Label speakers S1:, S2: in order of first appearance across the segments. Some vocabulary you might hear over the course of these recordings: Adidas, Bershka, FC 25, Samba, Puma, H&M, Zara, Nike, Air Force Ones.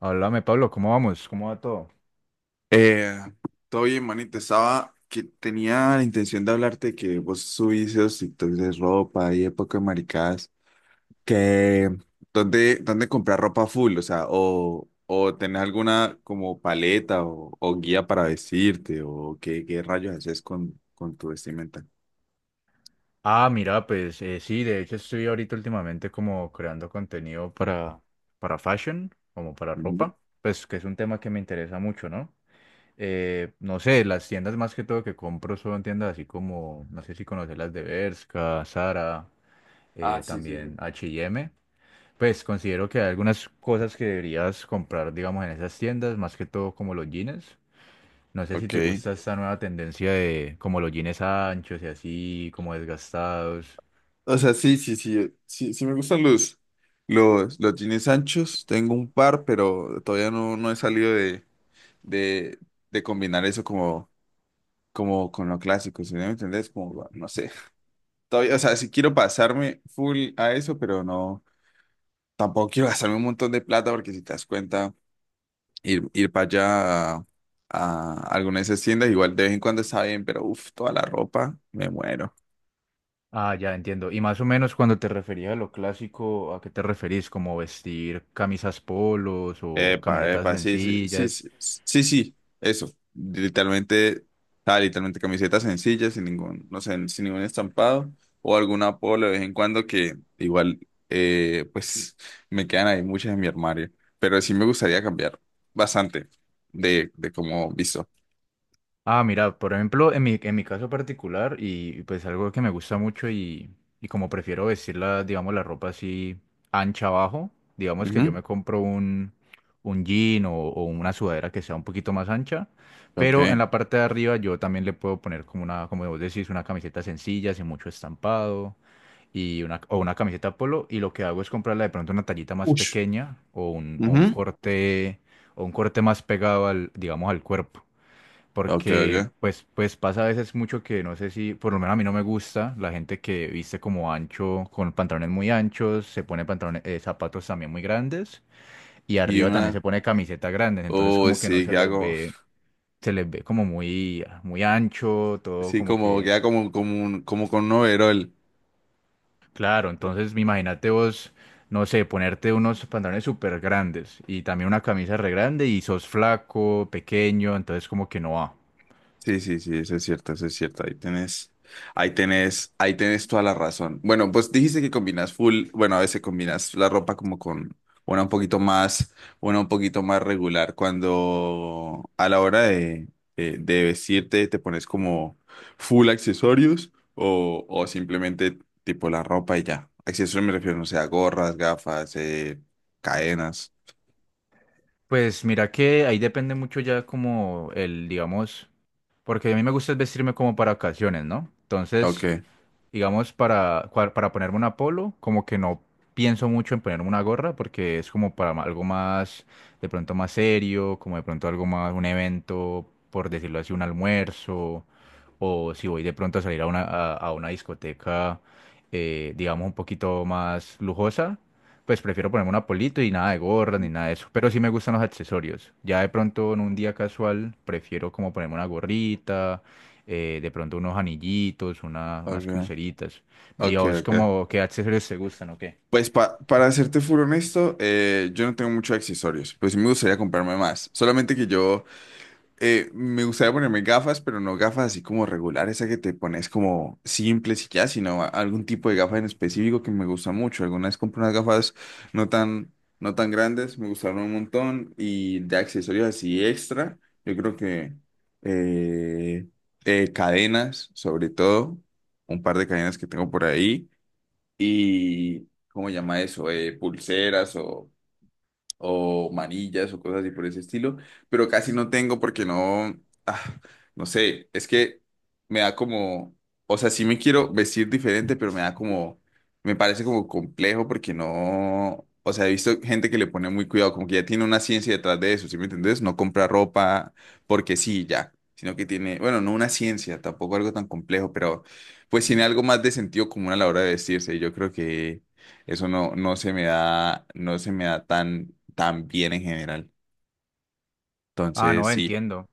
S1: Háblame, Pablo, ¿cómo vamos? ¿Cómo va todo?
S2: Eh, Todo bien, manito. Estaba que tenía la intención de hablarte que vos subís esos TikToks de ropa y época de maricadas. Que dónde comprar ropa full, o sea, o tenés alguna como paleta o guía para vestirte, o qué rayos haces con tu vestimenta.
S1: Ah, mira, pues sí, de hecho estoy ahorita últimamente como creando contenido para fashion, como para
S2: Ujú.
S1: ropa, pues que es un tema que me interesa mucho, ¿no? No sé, las tiendas más que todo que compro son tiendas así como, no sé si conoces las de Bershka, Zara,
S2: Ah, sí, sí,
S1: también
S2: sí.
S1: H&M. Pues considero que hay algunas cosas que deberías comprar, digamos, en esas tiendas, más que todo como los jeans. No sé si te
S2: Ok.
S1: gusta esta nueva tendencia de como los jeans anchos y así, como desgastados.
S2: O sea, sí, sí, sí, sí, sí me gustan los jeans anchos. Tengo un par, pero todavía no he salido de, de combinar eso como con lo clásico, ¿si me entendés? Como, no sé. Todavía, o sea, si quiero pasarme full a eso, pero no, tampoco quiero gastarme un montón de plata porque si te das cuenta, ir para allá a alguna de esas tiendas, igual de vez en cuando está bien, pero uff, toda la ropa, me muero.
S1: Ah, ya entiendo. Y más o menos cuando te referías a lo clásico, ¿a qué te referís? ¿Como vestir camisas polos o
S2: Epa,
S1: camisetas
S2: epa, sí, sí, sí,
S1: sencillas?
S2: sí, sí, sí, eso. Literalmente, literalmente camisetas sencillas, sin ningún, no sé, sin ningún estampado o algún apodo de vez en cuando que igual, pues me quedan ahí muchas en mi armario. Pero sí me gustaría cambiar bastante de cómo visto.
S1: Ah, mira, por ejemplo, en mi caso particular, y pues algo que me gusta mucho y como prefiero vestirla, digamos, la ropa así ancha abajo, digamos que yo
S2: Ujú.
S1: me compro un jean o una sudadera que sea un poquito más ancha,
S2: Ok.
S1: pero en la parte de arriba yo también le puedo poner como una, como vos decís, una camiseta sencilla, sin mucho estampado, y o una camiseta polo, y lo que hago es comprarla de pronto una tallita más
S2: Ush.
S1: pequeña o un, o un
S2: Ujú.
S1: corte, o un corte más pegado al, digamos, al cuerpo.
S2: Ok,
S1: Porque
S2: ok.
S1: pues pasa a veces mucho que no sé si, por lo menos a mí no me gusta la gente que viste como ancho, con pantalones muy anchos, se pone pantalones, zapatos también muy grandes y
S2: Y
S1: arriba también
S2: una,
S1: se pone camisetas grandes, entonces
S2: oh,
S1: como que no
S2: sí,
S1: se
S2: queda
S1: les
S2: como,
S1: ve, se les ve como muy, muy ancho, todo
S2: sí,
S1: como
S2: como,
S1: que,
S2: queda como, como, como con un overol.
S1: claro, entonces imagínate vos, no sé, ponerte unos pantalones súper grandes y también una camisa re grande y sos flaco, pequeño, entonces como que no va.
S2: Sí, sí, sí, eso es cierto, eso es cierto. Ahí tenés toda la razón. Bueno, pues dijiste que combinas full, bueno, a veces combinas la ropa como con una un poquito más, una un poquito más regular. Cuando a la hora de vestirte te pones como full accesorios o simplemente tipo la ropa y ya. Accesorios me refiero, no sé, a gorras, gafas, cadenas.
S1: Pues mira que ahí depende mucho ya como el, digamos, porque a mí me gusta es vestirme como para ocasiones, ¿no?
S2: Ok,
S1: Entonces, digamos, para ponerme una polo, como que no pienso mucho en ponerme una gorra porque es como para algo más, de pronto más serio, como de pronto algo más, un evento, por decirlo así, un almuerzo, o si voy de pronto a salir a a una discoteca, digamos, un poquito más lujosa. Pues prefiero ponerme una polito y nada de gorra ni nada de eso. Pero sí me gustan los accesorios. Ya de pronto en un día casual prefiero como ponerme una gorrita, de pronto unos anillitos, unas
S2: ok,
S1: pulseritas. Y a
S2: ok,
S1: vos
S2: ok.
S1: como, ¿qué accesorios te gustan o qué?
S2: Pues para serte full honesto, yo no tengo muchos accesorios, pues sí me gustaría comprarme más. Solamente que yo me gustaría ponerme gafas, pero no gafas así como regulares, esa que te pones como simples y ya, sino algún tipo de gafas en específico que me gusta mucho. Alguna vez compré unas gafas no tan, no tan grandes, me gustaron un montón y de accesorios así extra, yo creo que eh, cadenas, sobre todo, un par de cadenas que tengo por ahí y, ¿cómo se llama eso? Pulseras o manillas o cosas así por ese estilo, pero casi no tengo porque no, ah, no sé, es que me da como, o sea, sí me quiero vestir diferente, pero me da como, me parece como complejo porque no, o sea, he visto gente que le pone muy cuidado, como que ya tiene una ciencia detrás de eso, ¿sí me entendés? No compra ropa porque sí, ya, sino que tiene, bueno, no una ciencia, tampoco algo tan complejo, pero pues tiene algo más de sentido común a la hora de vestirse. Y yo creo que, eso no se me da, tan, tan bien en general.
S1: Ah, no,
S2: Entonces, sí.
S1: entiendo.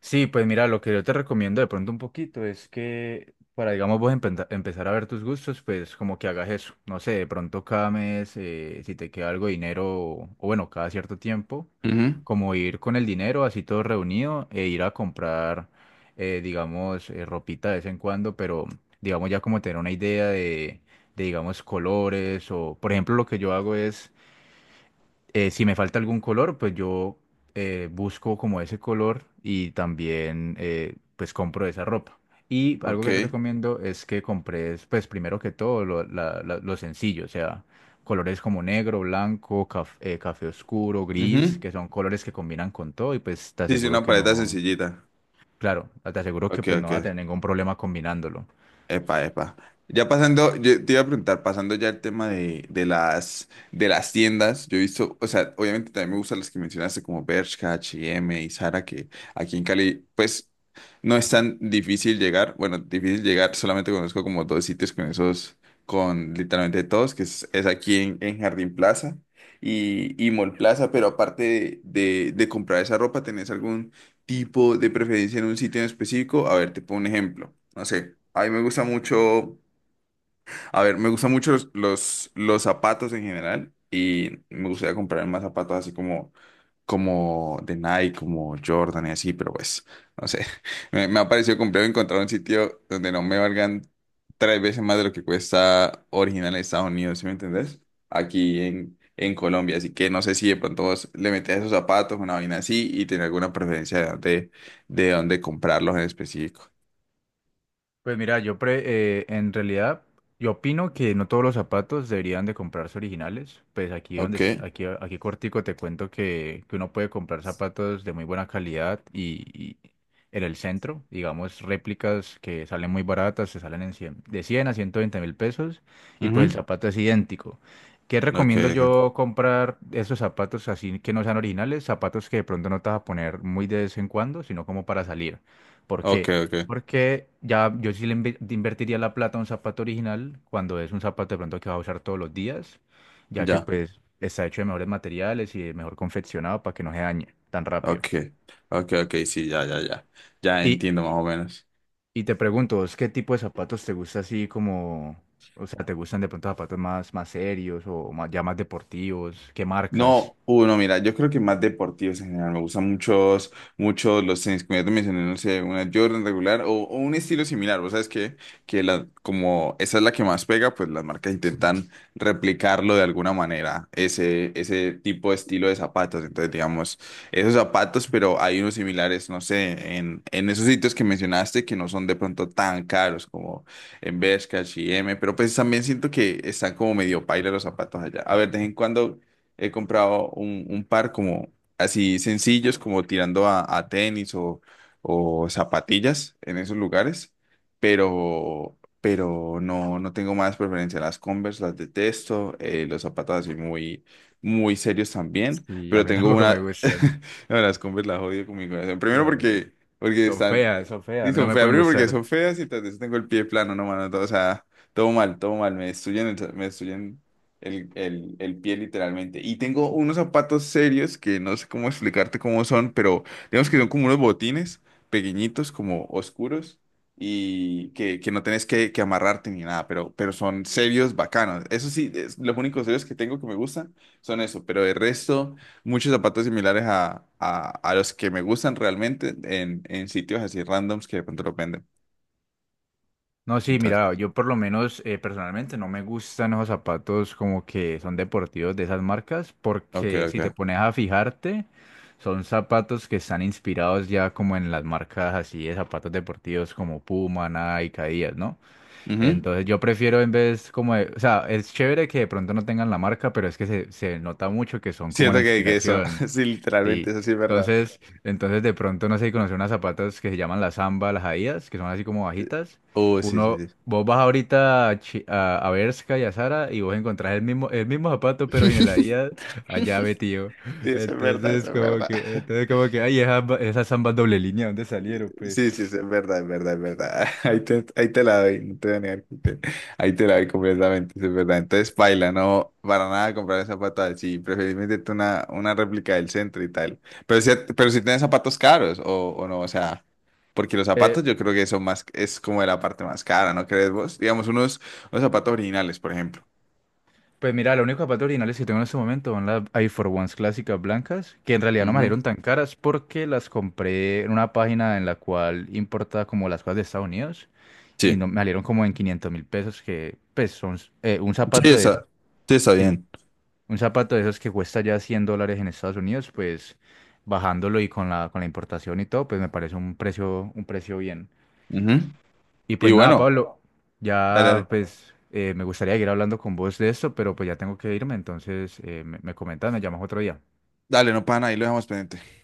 S1: Sí, pues mira, lo que yo te recomiendo de pronto un poquito es que para, digamos, vos empezar a ver tus gustos, pues como que hagas eso. No sé, de pronto cada mes, si te queda algo de dinero, o bueno, cada cierto tiempo,
S2: Ujú.
S1: como ir con el dinero así todo reunido e ir a comprar, digamos, ropita de vez en cuando, pero digamos ya como tener una idea de, digamos, colores o, por ejemplo, lo que yo hago es si me falta algún color, pues yo busco como ese color y también pues compro esa ropa. Y algo que te
S2: Ok.
S1: recomiendo es que compres pues primero que todo lo sencillo, o sea, colores como negro, blanco, café oscuro, gris,
S2: Ujú.
S1: que son colores que combinan con todo y pues te
S2: Sí, sí,
S1: aseguro
S2: una
S1: que
S2: paleta
S1: no,
S2: sencillita.
S1: claro, te aseguro que
S2: Ok,
S1: pues
S2: ok.
S1: no vas a tener ningún problema combinándolo.
S2: Epa, epa. Ya pasando, yo te iba a preguntar, pasando ya el tema de las tiendas, yo he visto, o sea, obviamente también me gustan las que mencionaste como Bershka, H&M y M y Zara, que aquí en Cali, pues, no es tan difícil llegar. Bueno, difícil llegar, solamente conozco como dos sitios con esos, con literalmente todos, que es aquí en Jardín Plaza y Mall Plaza, pero aparte de comprar esa ropa, ¿tenés algún tipo de preferencia en un sitio en específico? A ver, te pongo un ejemplo. No sé, a mí me gusta mucho a ver, me gustan mucho los zapatos en general y me gustaría comprar más zapatos así como de Nike, como Jordan y así, pero pues, no sé. Me ha parecido complejo encontrar un sitio donde no me valgan tres veces más de lo que cuesta original en Estados Unidos, ¿sí me entendés? Aquí en Colombia, así que no sé si de pronto vos le metés a esos zapatos, una vaina así y tenés alguna preferencia de dónde comprarlos en específico.
S1: Pues mira, en realidad yo opino que no todos los zapatos deberían de comprarse originales. Pues aquí donde es-
S2: Ok.
S1: aquí aquí cortico te cuento que uno puede comprar zapatos de muy buena calidad y en el centro, digamos réplicas que salen muy baratas, se salen en 100, de 100 a 120.000 pesos y pues el
S2: Ujú.
S1: zapato es idéntico. ¿Qué
S2: Ok,
S1: recomiendo
S2: ok,
S1: yo comprar esos zapatos así que no sean originales? Zapatos que de pronto no te vas a poner muy de vez en cuando, sino como para salir. ¿Por
S2: ok,
S1: qué?
S2: ok.
S1: Porque ya yo sí le invertiría la plata a un zapato original cuando es un zapato de pronto que va a usar todos los días, ya que
S2: Ya.
S1: pues está hecho de mejores materiales y de mejor confeccionado para que no se dañe tan rápido.
S2: Ok, ok, ok, sí, ya, ya, ya. Ya
S1: Y,
S2: entiendo más o menos.
S1: y te pregunto, ¿vos qué tipo de zapatos te gusta así como, o sea, te gustan de pronto zapatos más, más serios o más, ya más deportivos? ¿Qué marcas?
S2: No, uno, mira, yo creo que más deportivos en general. Me gustan muchos los tenis, como ya te mencioné, no sé, una Jordan regular o un estilo similar. Vos sabes que la, como esa es la que más pega, pues las marcas intentan replicarlo de alguna manera, ese tipo de estilo de zapatos. Entonces, digamos, esos zapatos, pero hay unos similares, no sé, en esos sitios que mencionaste que no son de pronto tan caros como en Bershka, H&M, pero pues también siento que están como medio paila los zapatos allá. A ver, de vez en cuando he comprado un par como así sencillos, como tirando a tenis o zapatillas en esos lugares, pero no tengo más preferencia. Las Converse las detesto, los zapatos así muy, muy serios también,
S1: Sí, a
S2: pero
S1: mí
S2: tengo
S1: tampoco me
S2: una...
S1: gustan.
S2: No, las Converse las odio con mi corazón. Primero
S1: Ya,
S2: porque están...
S1: son feas, a
S2: Sí,
S1: mí no
S2: son
S1: me
S2: feas.
S1: pueden
S2: Primero porque
S1: gustar.
S2: son feas y tras de eso tengo el pie plano, no, mano. O sea, todo mal, todo mal. Me destruyen, el pie literalmente. Y tengo unos zapatos serios que no sé cómo explicarte cómo son, pero digamos que son como unos botines pequeñitos, como oscuros, y que no tenés que amarrarte ni nada, pero son serios bacanos. Eso sí, los únicos serios que tengo que me gustan son eso, pero el resto, muchos zapatos similares a los que me gustan realmente en sitios así randoms que de pronto los venden.
S1: No, sí,
S2: Entonces,
S1: mira, yo por lo menos personalmente no me gustan esos zapatos como que son deportivos de esas marcas,
S2: ok,
S1: porque si te
S2: ok.
S1: pones a fijarte, son zapatos que están inspirados ya como en las marcas así de zapatos deportivos como Puma, Nike, Adidas, ¿no?
S2: Ujú.
S1: Entonces yo prefiero en vez o sea, es chévere que de pronto no tengan la marca, pero es que se nota mucho que son como
S2: Siento
S1: la
S2: que eso,
S1: inspiración.
S2: sí, literalmente,
S1: Sí,
S2: eso sí es verdad.
S1: entonces, entonces de pronto no sé si conocer unas zapatas que se llaman las Samba, las Adidas, que son así como bajitas.
S2: Oh, sí,
S1: Uno,
S2: sí, sí.
S1: vos vas ahorita a, a Bershka y a Zara y vos encontrás el mismo zapato, pero sin el Adidas, allá metido.
S2: Sí, eso es verdad, eso es verdad.
S1: Entonces como que, ay, esas Sambas doble línea, ¿dónde salieron, pues?
S2: Sí, sí, sí, es verdad, es verdad, es verdad. Ahí te la doy, no te voy a negar ahí te la doy completamente, sí, es verdad. Entonces, paila, no, para nada comprar zapatos sí, preferiblemente tú una réplica del centro y tal. Pero si tienes zapatos caros o no, o sea, porque los
S1: Eh,
S2: zapatos yo creo que son más, es como de la parte más cara, ¿no crees vos? Digamos, unos zapatos originales, por ejemplo.
S1: pues mira, los únicos zapatos originales que tengo en este momento son las Air Force Ones clásicas blancas, que en realidad no me
S2: Ujú.
S1: salieron tan caras porque las compré en una página en la cual importa como las cosas de Estados Unidos. Y
S2: Sí,
S1: no, me salieron como en 500.000 pesos, que pues son un
S2: sí,
S1: zapato de esos,
S2: está, sí, está
S1: sí, un zapato de esos que cuesta ya $100 en Estados Unidos, pues bajándolo y con la importación y todo, pues me parece un precio bien.
S2: bien.
S1: Y pues
S2: Y
S1: nada,
S2: bueno,
S1: Pablo,
S2: dale,
S1: ya
S2: dale.
S1: pues me gustaría seguir hablando con vos de esto, pero pues ya tengo que irme, entonces me comentas, me llamas otro día.
S2: Dale, no pana, ahí lo dejamos pendiente.